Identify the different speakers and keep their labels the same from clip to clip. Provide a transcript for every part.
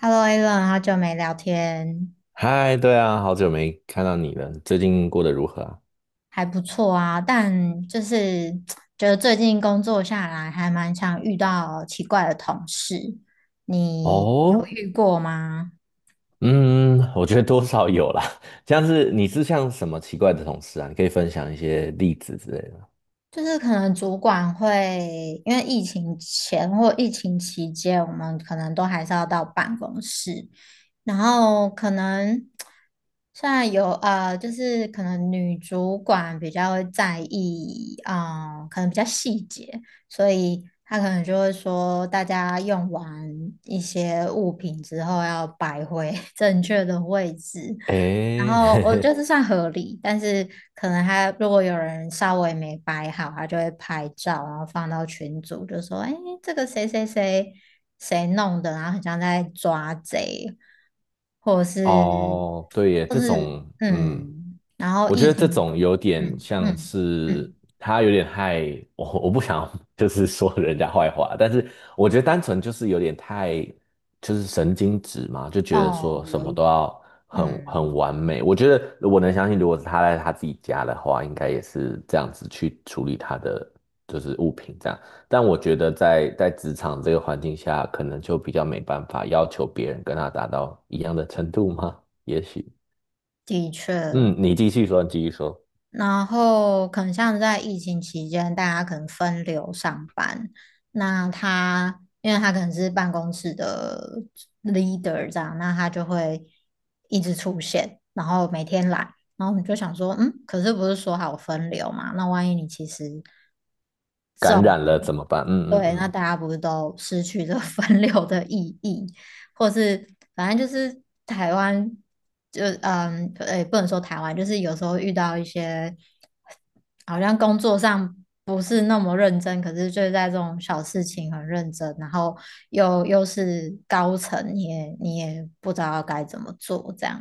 Speaker 1: Hello, Alan，好久没聊天。
Speaker 2: 嗨，对啊，好久没看到你了，最近过得如何啊？
Speaker 1: 还不错啊。但觉得最近工作下来，还蛮常遇到奇怪的同事，你有
Speaker 2: 哦，
Speaker 1: 遇过吗？
Speaker 2: 嗯，我觉得多少有啦。像是你是像什么奇怪的同事啊？你可以分享一些例子之类的吗？
Speaker 1: 就是可能主管会，因为疫情前或疫情期间，我们可能都还是要到办公室，然后可能现在有就是可能女主管比较会在意，啊，可能比较细节，所以她可能就会说，大家用完一些物品之后要摆回 正确的位置，然
Speaker 2: 诶，
Speaker 1: 后我就是 算合理，但是可能他如果有人稍微没摆好，他就会拍照，然后放到群组，就说：“哎，这个谁谁谁弄的，然后很像在抓贼，或者是，
Speaker 2: 哦，对耶，
Speaker 1: 或
Speaker 2: 这
Speaker 1: 是
Speaker 2: 种，嗯，
Speaker 1: 嗯，然后
Speaker 2: 我觉
Speaker 1: 疫
Speaker 2: 得这
Speaker 1: 情，
Speaker 2: 种有点
Speaker 1: 嗯
Speaker 2: 像
Speaker 1: 嗯
Speaker 2: 是
Speaker 1: 嗯。
Speaker 2: 他有点害我不想 就是说人家坏话，但是我觉得单纯就是有点太就是神经质嘛，就觉得说
Speaker 1: 哦，
Speaker 2: 什
Speaker 1: 有
Speaker 2: 么
Speaker 1: 一。
Speaker 2: 都要很
Speaker 1: 嗯，
Speaker 2: 完美。我觉得我能相信，如果是他在他自己家的话，应该也是这样子去处理他的就是物品这样。但我觉得在职场这个环境下，可能就比较没办法要求别人跟他达到一样的程度吗？也许，
Speaker 1: 的确。
Speaker 2: 嗯，你继续说，你继续说，
Speaker 1: 然后可能像在疫情期间，大家可能分流上班，那他因为他可能是办公室的leader 这样，那他就会一直出现，然后每天来，然后你就想说，嗯，可是不是说好分流嘛？那万一你其实
Speaker 2: 感
Speaker 1: 中。
Speaker 2: 染了怎么办？嗯嗯
Speaker 1: 对，那
Speaker 2: 嗯，
Speaker 1: 大家不是都失去这 分流的意义，或是反正就是台湾，就也不能说台湾，就是有时候遇到一些好像工作上不是那么认真，可是就是在这种小事情很认真，然后又是高层，你也不知道该怎么做，这样。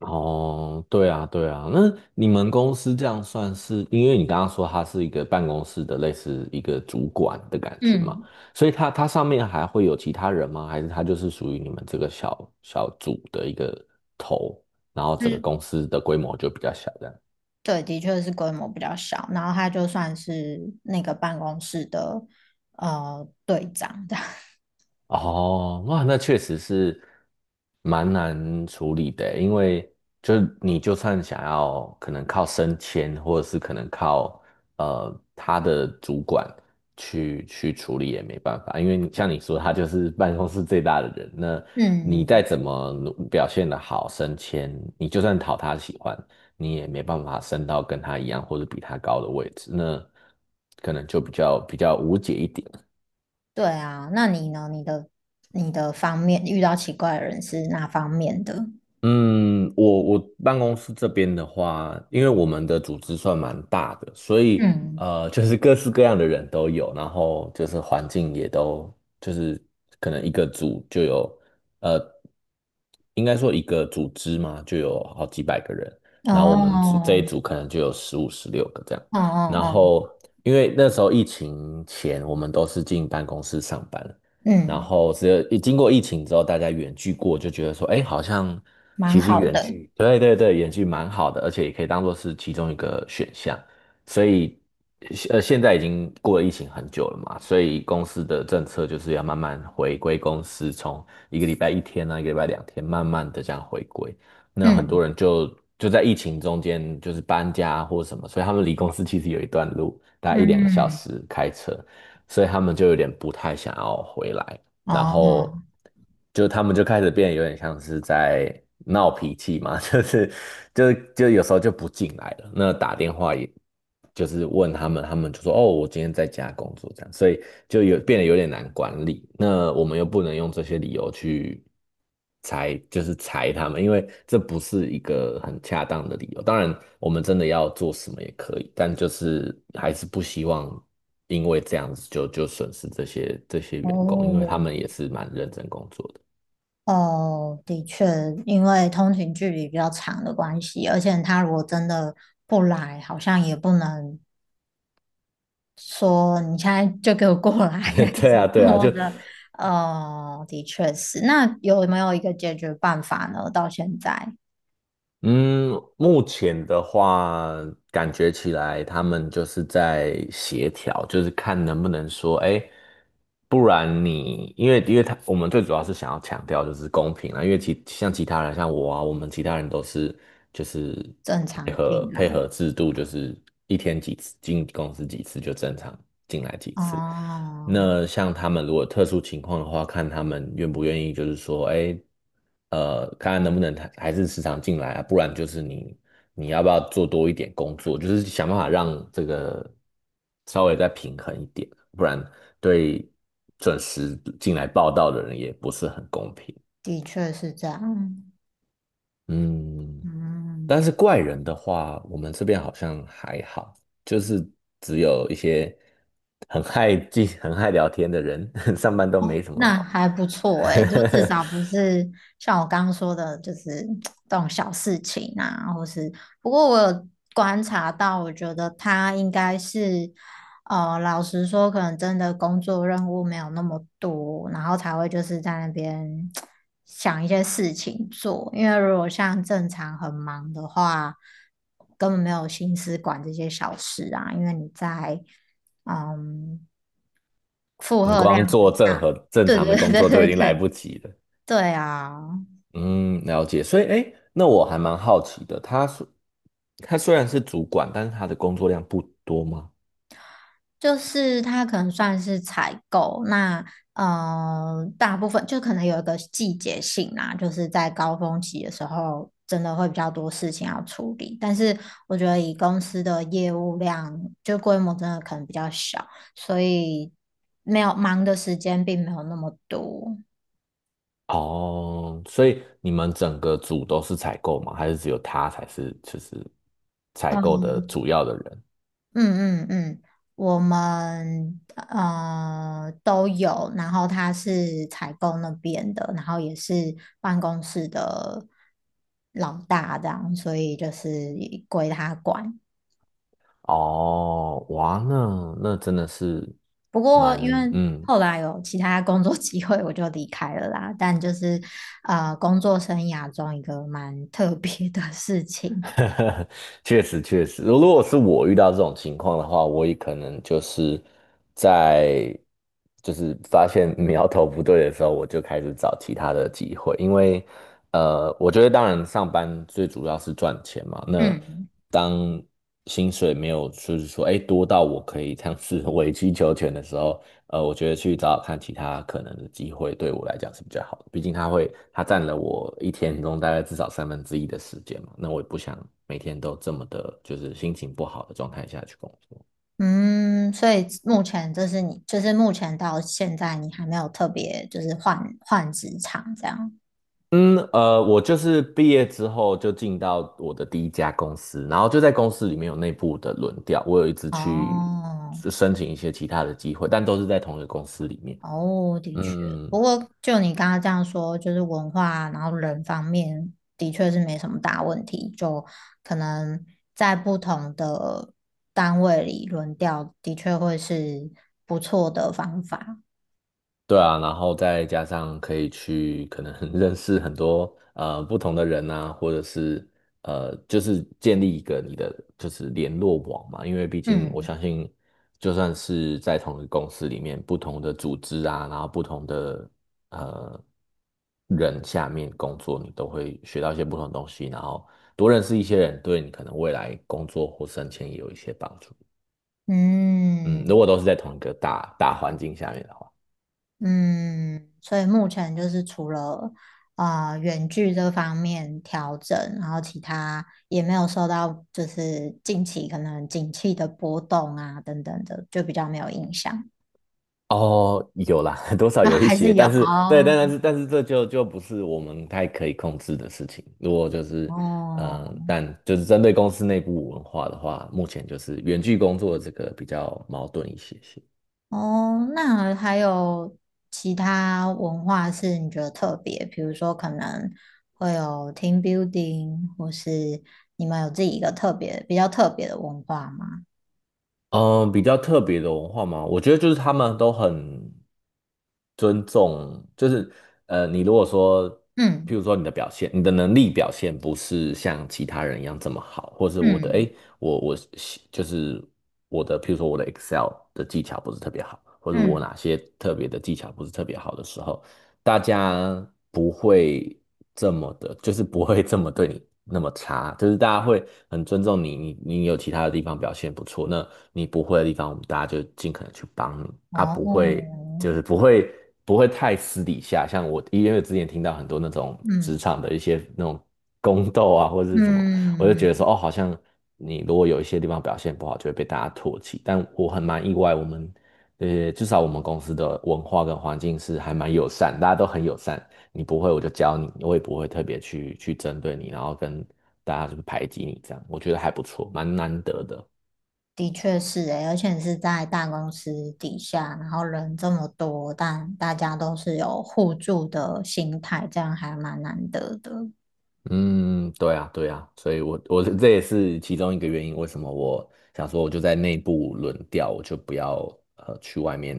Speaker 2: 哦，对啊对啊，那你们公司这样算是，因为你刚刚说他是一个办公室的类似一个主管的感觉嘛，
Speaker 1: 嗯，
Speaker 2: 所以他上面还会有其他人吗？还是他就是属于你们这个小小组的一个头，然后
Speaker 1: 就
Speaker 2: 整个
Speaker 1: 是
Speaker 2: 公司的规模就比较小这样？
Speaker 1: 对，的确是规模比较小，然后他就算是那个办公室的队长这样。
Speaker 2: 哦，哇，那确实是蛮难处理的欸，因为就是你就算想要可能靠升迁，或者是可能靠他的主管去处理也没办法，因为你像你说，他就是办公室最大的人，那你再
Speaker 1: 嗯，
Speaker 2: 怎么表现的好升迁，你就算讨他喜欢，你也没办法升到跟他一样或者比他高的位置，那可能就比较无解一点。
Speaker 1: 对啊，那你呢？你的方面遇到奇怪的人是哪方面的？
Speaker 2: 嗯，我办公室这边的话，因为我们的组织算蛮大的，所以
Speaker 1: 嗯。
Speaker 2: 就是各式各样的人都有，然后就是环境也都就是可能一个组就有呃，应该说一个组织嘛，就有好几百个人，然后我们组这一
Speaker 1: 哦。
Speaker 2: 组可能就有15、16个这样，
Speaker 1: 哦哦
Speaker 2: 然
Speaker 1: 哦。
Speaker 2: 后因为那时候疫情前我们都是进办公室上班，然
Speaker 1: 嗯，
Speaker 2: 后只有一经过疫情之后，大家远距过，就觉得说，哎，好像
Speaker 1: 蛮
Speaker 2: 其实
Speaker 1: 好
Speaker 2: 远
Speaker 1: 的。
Speaker 2: 距，对对对，远距蛮好的，而且也可以当做是其中一个选项。所以，现在已经过了疫情很久了嘛，所以公司的政策就是要慢慢回归公司，从一个礼拜一天啊，一个礼拜两天，慢慢的这样回归。那很
Speaker 1: 嗯
Speaker 2: 多人就在疫情中间就是搬家或什么，所以他们离公司其实有一段路，大概一两个小
Speaker 1: 嗯。
Speaker 2: 时开车。所以他们就有点不太想要回来，然后
Speaker 1: 哦
Speaker 2: 就他们就开始变，得有点像是在闹脾气嘛，就是就有时候就不进来了。那打电话也就是问他们，他们就说哦，我今天在家工作这样，所以就有变得有点难管理。那我们又不能用这些理由去，裁就是裁他们，因为这不是一个很恰当的理由。当然，我们真的要做什么也可以，但就是还是不希望因为这样子就损失这些员工，因为他
Speaker 1: 哦
Speaker 2: 们也是蛮认真工作
Speaker 1: 哦，的确，因为通勤距离比较长的关系，而且他如果真的不来，好像也不能说你现在就给我过来，
Speaker 2: 的。
Speaker 1: 还
Speaker 2: 对
Speaker 1: 是
Speaker 2: 啊，对啊，
Speaker 1: 多
Speaker 2: 就
Speaker 1: 的。的确是。那有没有一个解决办法呢？到现在
Speaker 2: 嗯，目前的话，感觉起来他们就是在协调，就是看能不能说，哎，不然你，因为他我们最主要是想要强调就是公平啊，因为其像其他人像我啊，我们其他人都是就是
Speaker 1: 正
Speaker 2: 配
Speaker 1: 常
Speaker 2: 合
Speaker 1: 进
Speaker 2: 配
Speaker 1: 来。
Speaker 2: 合制度，就是一天几次进公司几次就正常进来几次。
Speaker 1: 哦，
Speaker 2: 那像他们如果特殊情况的话，看他们愿不愿意，就是说，哎。看看能不能还是时常进来啊，不然就是你要不要做多一点工作，就是想办法让这个稍微再平衡一点，不然对准时进来报道的人也不是很公平。
Speaker 1: 的确是这样。
Speaker 2: 嗯，但
Speaker 1: 嗯。
Speaker 2: 是怪人的话，我们这边好像还好，就是只有一些很爱记、很爱聊天的人，上班都没什么。
Speaker 1: 那还不错诶，就至少不是像我刚刚说的，就是这种小事情啊，或是不过我有观察到，我觉得他应该是，老实说，可能真的工作任务没有那么多，然后才会就是在那边想一些事情做，因为如果像正常很忙的话，根本没有心思管这些小事啊，因为你在。嗯，负
Speaker 2: 你
Speaker 1: 荷量
Speaker 2: 光做
Speaker 1: 很大。
Speaker 2: 正
Speaker 1: 对
Speaker 2: 常的
Speaker 1: 对
Speaker 2: 工
Speaker 1: 对
Speaker 2: 作就已
Speaker 1: 对
Speaker 2: 经来
Speaker 1: 对。
Speaker 2: 不及了。
Speaker 1: 对啊，
Speaker 2: 嗯，了解。所以，哎，那我还蛮好奇的，他虽然是主管，但是他的工作量不多吗？
Speaker 1: 它可能算是采购，那大部分就可能有一个季节性啦，就是在高峰期的时候，真的会比较多事情要处理。但是我觉得以公司的业务量，就规模真的可能比较小，所以没有忙的时间并没有那么多。
Speaker 2: 哦，所以你们整个组都是采购吗？还是只有他才是就是采购的主要的人？
Speaker 1: 嗯嗯嗯，我们都有，然后他是采购那边的，然后也是办公室的老大这样，所以就是归他管。
Speaker 2: 哦，哇，那真的是
Speaker 1: 不过
Speaker 2: 蛮
Speaker 1: 因为
Speaker 2: 嗯
Speaker 1: 后来有其他工作机会，我就离开了啦。但工作生涯中一个蛮特别的事情。
Speaker 2: 确实确实，如果是我遇到这种情况的话，我也可能就是在就是发现 苗头不对的时候，我就开始找其他的机会，因为我觉得当然上班最主要是赚钱嘛，那
Speaker 1: 嗯。
Speaker 2: 当薪水没有就是说哎多到我可以这样子委曲 求全的时候，我觉得去找找看其他可能的机会，对我来讲是比较好的。毕竟它会，它占了我一天中大概至少1/3的时间嘛。那我也不想每天都这么的，就是心情不好的状态下去工作。
Speaker 1: 嗯，所以目前就是你，就是目前到现在你还没有特别就是换职场这样。
Speaker 2: 嗯，我就是毕业之后就进到我的第一家公司，然后就在公司里面有内部的轮调，我有一直去
Speaker 1: 哦。
Speaker 2: 申请一些其他的机会，但都是在同一个公司里面。
Speaker 1: 哦，的确，
Speaker 2: 嗯，
Speaker 1: 不过就你刚刚这样说，就是文化，然后人方面的确是没什么大问题，就可能在不同的单位里轮调，的确会是不错的方法。
Speaker 2: 对啊，然后再加上可以去可能 认识很多不同的人啊，或者是就是建立一个你的就是联络网嘛，因为毕竟我
Speaker 1: 嗯
Speaker 2: 相信，就算是在同一个公司里面，不同的组织啊，然后不同的呃人下面工作，你都会学到一些不同的东西，然后多认识一些人，对你可能未来工作或升迁也有一些帮助。嗯，如
Speaker 1: 嗯。
Speaker 2: 果都是在同一个大环境下面的话。
Speaker 1: 嗯，所以目前就是除了啊远距这方面调整，然后其他也没有受到就是近期可能景气的波动啊等等的，就比较没有影响。
Speaker 2: 哦，有啦，多少
Speaker 1: 啊，
Speaker 2: 有一
Speaker 1: 还是
Speaker 2: 些，
Speaker 1: 有
Speaker 2: 但是对，
Speaker 1: 哦。
Speaker 2: 但是这就不是我们太可以控制的事情。如果就是
Speaker 1: 哦，
Speaker 2: 但就是针对公司内部文化的话，目前就是远距工作这个比较矛盾一些些。
Speaker 1: 哦，那还有其他文化是你觉得特别，比如说可能会有 team building，或是你们有自己一个特别比较特别的文化吗？
Speaker 2: 嗯，比较特别的文化吗？我觉得就是他们都很尊重，就是你如果说，譬
Speaker 1: 嗯
Speaker 2: 如说你的表现，你的能力表现不是像其他人一样这么好，或是我的，
Speaker 1: 嗯
Speaker 2: 诶，我就是我的，譬如说我的 Excel 的技巧不是特别好，或者我
Speaker 1: 嗯。
Speaker 2: 哪些特别的技巧不是特别好的时候，大家不会这么的，就是不会这么对你那么差，就是大家会很尊重你，你有其他的地方表现不错，那你不会的地方，我们大家就尽可能去帮你啊，不会
Speaker 1: 哦。
Speaker 2: 就是不会太私底下，像我因为之前听到很多那种职
Speaker 1: 嗯
Speaker 2: 场的一些那种宫斗啊或者是什么，我就觉
Speaker 1: 嗯，
Speaker 2: 得说哦，好像你如果有一些地方表现不好，就会被大家唾弃，但我蛮意外，我们至少我们公司的文化跟环境是还蛮友善，大家都很友善。你不会我就教你，我也不会特别去针对你，然后跟大家就是排挤你这样，我觉得还不错，蛮难得的。
Speaker 1: 的确是诶，而且是在大公司底下，然后人这么多，但大家都是有互助的心态，这样还蛮难得的。
Speaker 2: 嗯，对啊，对啊，所以我这也是其中一个原因，为什么我想说我就在内部轮调，我就不要去外面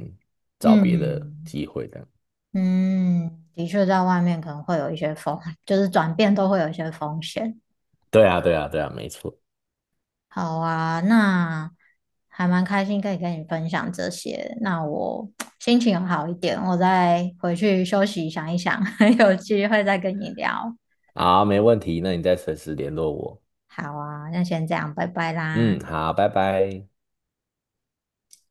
Speaker 2: 找别的
Speaker 1: 嗯
Speaker 2: 机会这样。
Speaker 1: 嗯，的确，在外面可能会有一些风，就是转变都会有一些风险。
Speaker 2: 对啊，对啊，对啊，没错。
Speaker 1: 好啊，那还蛮开心可以跟你分享这些。那我 心情好一点，我再回去休息想一想，有机会再跟你聊。
Speaker 2: 好，没问题，那你再随时联络我。
Speaker 1: 好啊，那先这样，拜拜啦。
Speaker 2: 嗯，好，拜拜。